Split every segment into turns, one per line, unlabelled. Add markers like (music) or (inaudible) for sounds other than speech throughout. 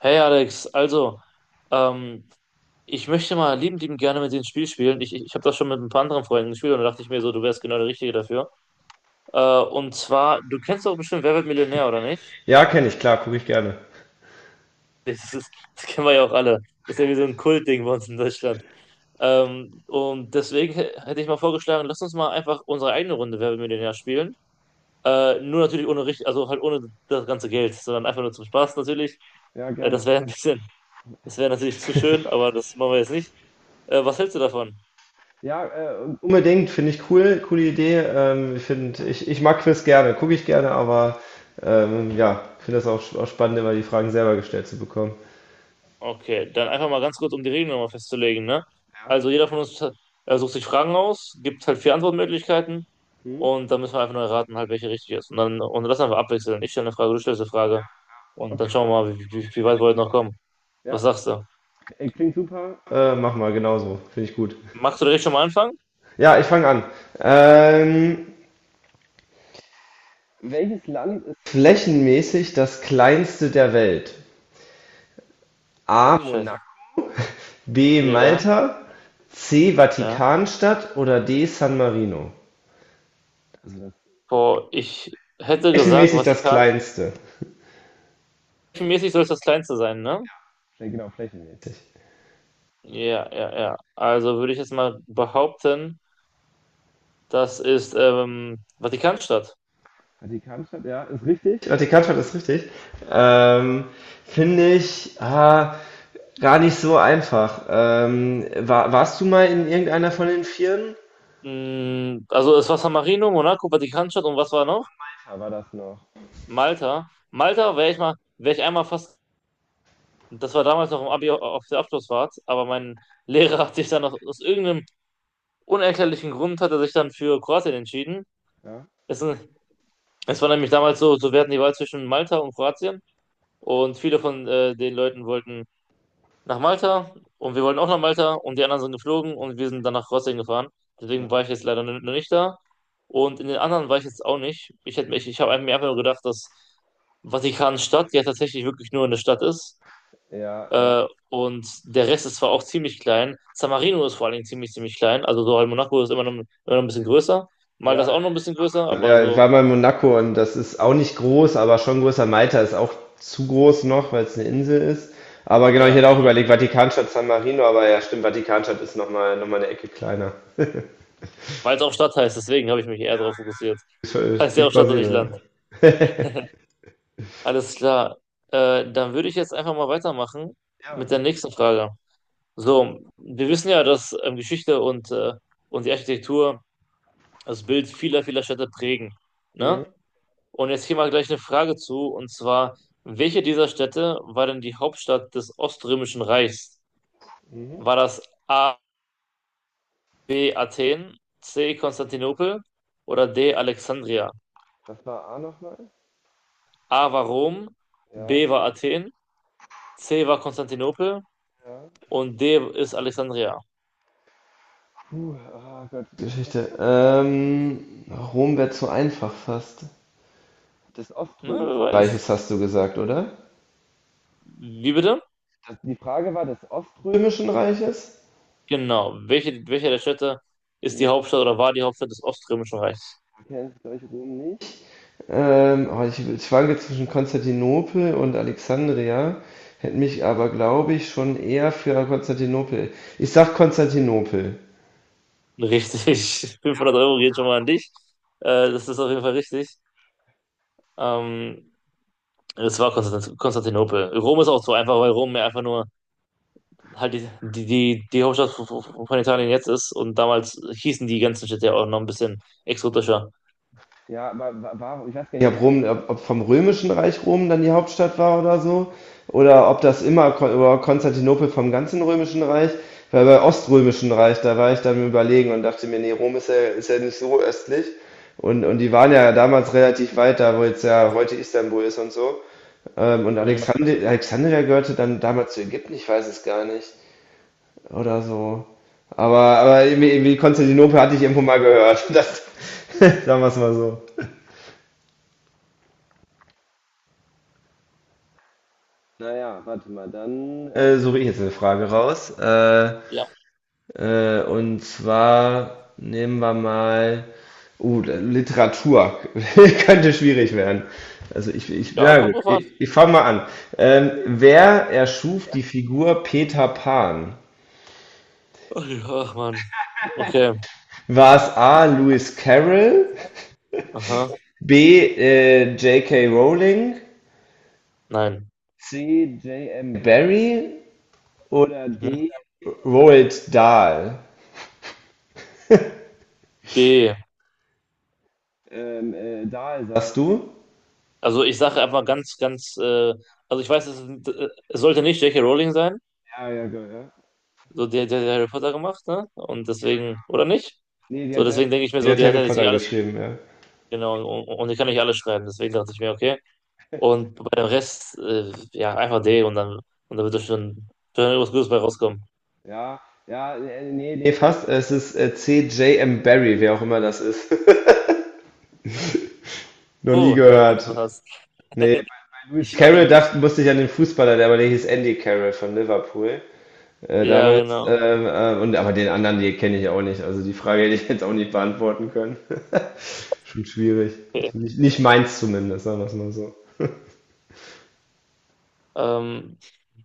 Hey Alex, also, ähm, ich möchte mal liebend, liebend gerne mit dir ein Spiel spielen. Ich habe das schon mit ein paar anderen Freunden gespielt und da dachte ich mir so, du wärst genau der Richtige dafür. Und zwar, du kennst doch bestimmt Wer wird Millionär, oder nicht? (laughs)
Ja, kenne ich, klar, gucke ich gerne.
Das ist, Das kennen wir ja auch alle. Ist ja wie so ein Kultding bei uns in Deutschland. Und deswegen hätte ich mal vorgeschlagen, lass uns mal einfach unsere eigene Runde Wer wird Millionär spielen. Nur natürlich ohne richtig, also halt ohne das ganze Geld, sondern einfach nur zum Spaß natürlich.
Ja,
Äh,
gerne.
das wäre ein bisschen, Das wäre natürlich zu schön, aber das machen wir jetzt nicht. Was hältst du davon?
Ja, unbedingt, finde ich cool, coole Idee. Ich mag Quiz gerne, gucke ich gerne, aber ja, finde das auch, auch spannend, immer die Fragen selber gestellt zu bekommen.
Okay, dann einfach mal ganz kurz, um die Regeln nochmal festzulegen, ne?
Ja.
Also jeder von uns sucht sich Fragen aus, gibt halt vier Antwortmöglichkeiten und dann müssen wir einfach nur erraten, halt, welche richtig ist. Und dann und das einfach abwechseln. Ich stelle eine Frage, du stellst eine Frage und dann schauen wir mal, wie weit wir heute noch kommen. Was sagst du?
Mach mal genauso, finde ich gut.
Magst du direkt schon mal anfangen?
Ja, ich fange an. Ähm, Flächenmäßig das kleinste der Welt. A.
Scheiße.
Monaco, B.
Ja,
Malta, C.
ja.
Vatikanstadt oder D. San Marino.
Boah, ich hätte gesagt,
Flächenmäßig das
Vatikan.
kleinste.
Mäßig soll es das Kleinste sein, ne? Ja, ja, ja. Also würde ich jetzt mal behaupten, das ist Vatikanstadt.
Vatikanstadt ist richtig. Ähm, Finde ich gar nicht so einfach. Warst du mal in irgendeiner von den Vieren?
Also es war San Marino, Monaco, Vatikanstadt und was war noch? Malta. Malta wäre ich einmal fast, das war damals noch im Abi auf der Abschlussfahrt, aber mein Lehrer hat sich dann aus irgendeinem unerklärlichen Grund hat er sich dann für Kroatien entschieden. Es war nämlich damals so, wir hatten die Wahl zwischen Malta und Kroatien und viele von den Leuten wollten nach Malta und wir wollten auch nach Malta und die anderen sind geflogen und wir sind dann nach Kroatien gefahren. Deswegen war ich jetzt leider noch nicht da und in den anderen war ich jetzt auch nicht. Ich habe mir einfach nur gedacht, dass Vatikanstadt ja tatsächlich wirklich nur eine Stadt ist. Und der Rest ist zwar auch ziemlich klein. San Marino ist vor allen Dingen ziemlich, ziemlich klein. Also so halt Monaco ist immer noch ein bisschen größer. Malta ist auch noch ein bisschen größer, aber
Ja, ich
so,
war mal in Monaco und das ist auch nicht groß, aber schon größer. Malta ist auch zu groß noch, weil es eine Insel ist. Aber genau, ich
ja,
hätte auch
genau.
überlegt, Vatikanstadt, San Marino, aber ja, stimmt, Vatikanstadt ist nochmal noch mal eine Ecke kleiner.
Weil es auch Stadt heißt, deswegen habe ich mich eher darauf fokussiert.
Das
Heißt ja
klingt
auch Stadt und nicht
plausibel,
Land.
ja.
Alles klar. Dann würde ich jetzt einfach mal weitermachen mit der nächsten Frage. So, wir wissen ja, dass Geschichte und die Architektur das Bild vieler, vieler Städte prägen. Ne? Und jetzt hier mal gleich eine Frage zu, und zwar, welche dieser Städte war denn die Hauptstadt des Oströmischen Reichs? War das A, B, Athen, C, Konstantinopel oder D, Alexandria? A war Rom, B war Athen, C war Konstantinopel und D ist Alexandria.
(laughs) Geschichte. Rom wäre zu einfach fast.
Na, wer weiß.
Reiches hast du gesagt, oder?
Wie bitte?
Die Frage war des Oströmischen Reiches.
Genau. Welche der Städte ist die Hauptstadt oder war die Hauptstadt des Oströmischen Reichs?
Ich schwanke zwischen Konstantinopel und Alexandria, hätte mich aber, glaube ich, schon eher für Konstantinopel. Ich sag Konstantinopel.
Richtig. (laughs) 500 Euro geht schon mal an dich. Das ist auf jeden Fall richtig. Ähm, Es war Konstantinopel. Rom ist auch so einfach, weil Rom ja einfach nur halt die Hauptstadt von Italien jetzt ist. Und damals hießen die ganzen Städte ja auch noch ein bisschen exotischer.
Ja, ob vom römischen Reich Rom dann die Hauptstadt war oder so, oder ob das immer Kon oder Konstantinopel vom ganzen römischen Reich, weil bei oströmischen Reich, da war ich dann im überlegen und dachte mir, nee, Rom ist ja nicht so östlich. Und die waren ja damals relativ weit da, wo jetzt ja heute Istanbul ist und so. Und
Hm,
Alexandria gehörte dann damals zu Ägypten, ich weiß es gar nicht. Oder so. Aber, aber irgendwie Konstantinopel hatte ich irgendwo mal gehört. (laughs) Das, sagen wir es mal so. Suche ich jetzt eine Frage raus.
ja.
Und zwar nehmen wir mal. Literatur (laughs) könnte schwierig werden. Also ich,
Ja,
ja,
kommt
gut,
drauf an.
ich fange mal an. Wer erschuf die Figur Peter Pan?
Ach Mann. Okay.
War es A. Lewis Carroll,
Aha.
B. J K Rowling,
Nein.
C. J M Barrie oder
Mhm.
D. Roald Dahl?
D.
Dahl sagst du?
Also ich sage einfach ganz, ganz, also ich weiß, es sollte nicht J. K. Rowling sein, so der Harry Potter gemacht, ne? Und deswegen, oder nicht? So, deswegen denke ich mir
Der
so,
hat
der hat
Harry
ja jetzt nicht
Potter
alles,
geschrieben, ja.
genau, und ich kann nicht alles schreiben, deswegen dachte ich mir, okay. Und bei dem Rest, ja, einfach D und dann wird da schon irgendwas Gutes bei rauskommen.
Ja, ja, nee, nee, nee, fast. Es ist C J M Barry, wer auch immer das ist. (laughs) Noch nie
Oh,
gehört.
(laughs) was?
Nee, bei
Ich auch
Carroll
nicht.
dachte, musste ich an den Fußballer, der aber der hieß Andy Carroll von Liverpool
Ja,
damals.
genau.
Und aber den anderen, die kenne ich auch nicht. Also die Frage hätte ich jetzt auch nicht beantworten können. (laughs) Schon schwierig.
Okay.
Also nicht, nicht meins zumindest, sagen wir es mal so.
Ähm,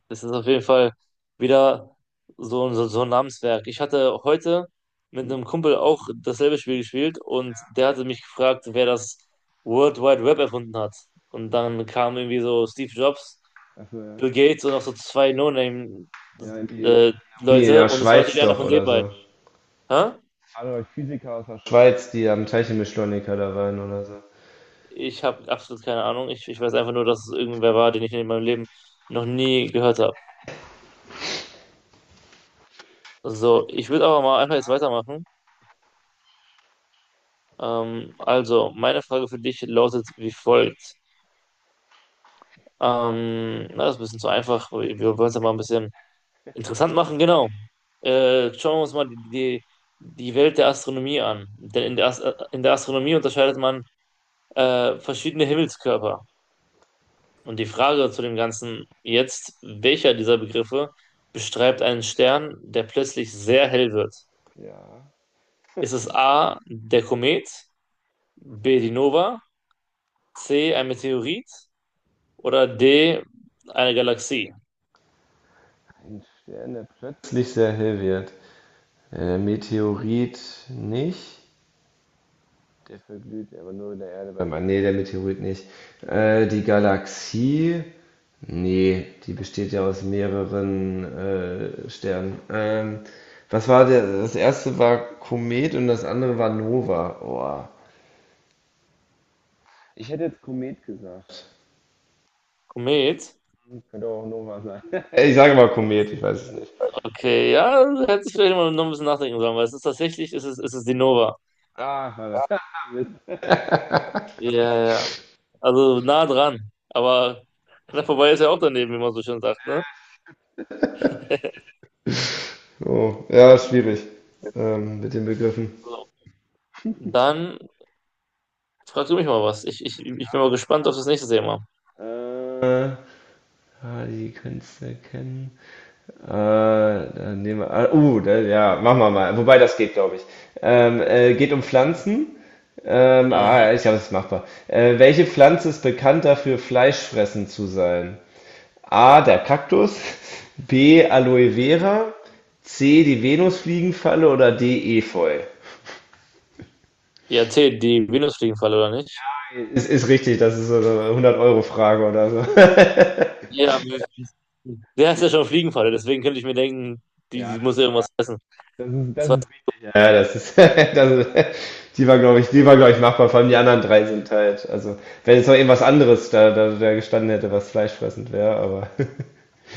Das ist auf jeden Fall wieder so ein Namenswerk. Ich hatte heute mit einem Kumpel auch dasselbe Spiel gespielt und der hatte mich gefragt, wer das World Wide Web erfunden hat. Und dann kamen irgendwie so Steve Jobs, Bill Gates und auch so zwei No-Name-Leute
Nee, in der
und es war
Schweiz
natürlich einer
doch
von den
oder so.
beiden. Hä?
Alle Physiker aus der Schweiz, die am Teilchenbeschleuniger da waren oder so.
Ich habe absolut keine Ahnung. Ich weiß einfach nur, dass es irgendwer war, den ich in meinem Leben noch nie gehört habe. So, ich würde aber mal einfach jetzt weitermachen. Also, meine Frage für dich lautet wie folgt. Na, das ist ein bisschen zu einfach. Wir wollen es ja mal ein bisschen interessant machen, genau. Schauen wir uns mal die Welt der Astronomie an. Denn in der Astronomie unterscheidet man verschiedene Himmelskörper. Und die Frage zu dem Ganzen jetzt, welcher dieser Begriffe beschreibt einen Stern, der plötzlich sehr hell wird? Ist es A, der Komet, B, die Nova, C, ein Meteorit? Oder D, eine Galaxie.
Ist nicht sehr hilfreich. Der Meteorit nicht. Der verglüht aber nur der Erde beim. An. Nee, der Meteorit nicht. Die Galaxie. Nee, die besteht ja aus mehreren Sternen. Was war der? Das erste war Komet und das andere war Nova. Oh.
Komet.
Ich sage mal Komet, ich weiß es nicht.
Okay, ja, hätte ich vielleicht mal noch ein bisschen nachdenken sollen, weil es ist die Nova. Ja, ja. Ja. Also nah dran. Aber knapp vorbei ist ja auch daneben, wie man so schön sagt, ne?
Oh, ja, schwierig mit den Begriffen.
So. Dann fragst du mich mal was. Ich bin mal gespannt auf das nächste Thema.
Äh, Die kannst du kennen. Dann nehmen wir, ja, machen wir mal. Wobei das geht, glaube ich. Geht um Pflanzen.
Mhm.
Ja, ich glaube, das ist machbar. Welche Pflanze ist bekannt dafür, Fleischfressen zu sein? A, der Kaktus, B, Aloe Vera, C, die Venusfliegenfalle oder D, Efeu?
Ja, T, die Venusfliegenfalle, oder nicht?
Ist richtig, das ist so eine 100-Euro-Frage oder so. (laughs)
Ja, aber der ist ja schon Fliegenfalle, deswegen könnte ich mir denken, die muss ja irgendwas essen. Das war's.
Ja, das ist, (laughs) das die war, glaube ich, machbar. Vor allem die anderen drei sind halt, also, wenn jetzt noch irgendwas anderes da gestanden hätte, was fleischfressend wäre, aber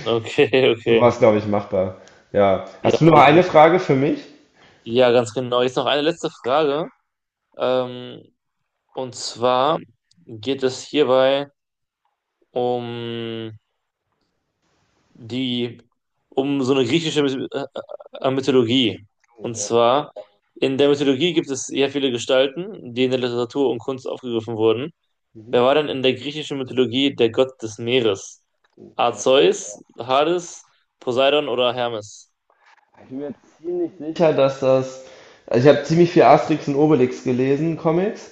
Okay,
(laughs) so
okay.
war es, glaube ich, machbar. Ja.
Ja,
Hast du noch eine
definitiv.
Frage für mich?
Ja, ganz genau. Jetzt noch eine letzte Frage. Ähm, und zwar geht es hierbei um die, um so eine griechische Mythologie. Und zwar, in der Mythologie gibt es sehr viele Gestalten, die in der Literatur und Kunst aufgegriffen wurden. Wer war denn in der griechischen Mythologie der Gott des Meeres? A. Zeus, Hades, Poseidon oder Hermes?
Ich bin mir ziemlich sicher, dass das, also ich habe ziemlich viel Asterix und Obelix gelesen, Comics,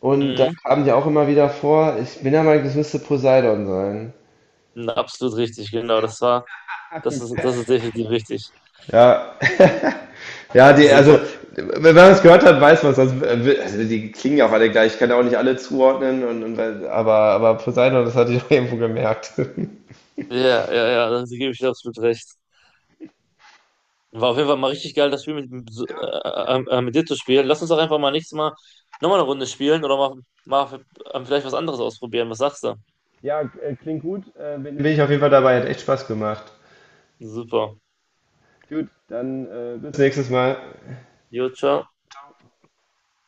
und da
Mhm.
kamen die auch immer wieder vor. Ich bin der Meinung, das müsste Poseidon sein.
Absolut richtig, genau. Das ist definitiv richtig.
Ja. (laughs) Ja, die, also,
Super.
wenn man es gehört hat, weiß man es. Also, die klingen ja auch alle gleich. Ich kann ja auch nicht alle zuordnen, aber Poseidon, das hatte ich (laughs) auch irgendwo gemerkt. (laughs) Bin
Ja, ja, ja, da gebe ich dir absolut recht. War auf jeden Fall mal richtig geil, das Spiel so, mit dir zu spielen. Lass uns doch einfach mal nächstes Mal nochmal eine Runde spielen oder mal vielleicht was anderes ausprobieren. Was sagst du?
Bin ich ich auf jeden Fall dabei, hat echt Spaß gemacht.
Super.
Bis nächstes Mal.
Jo, ciao.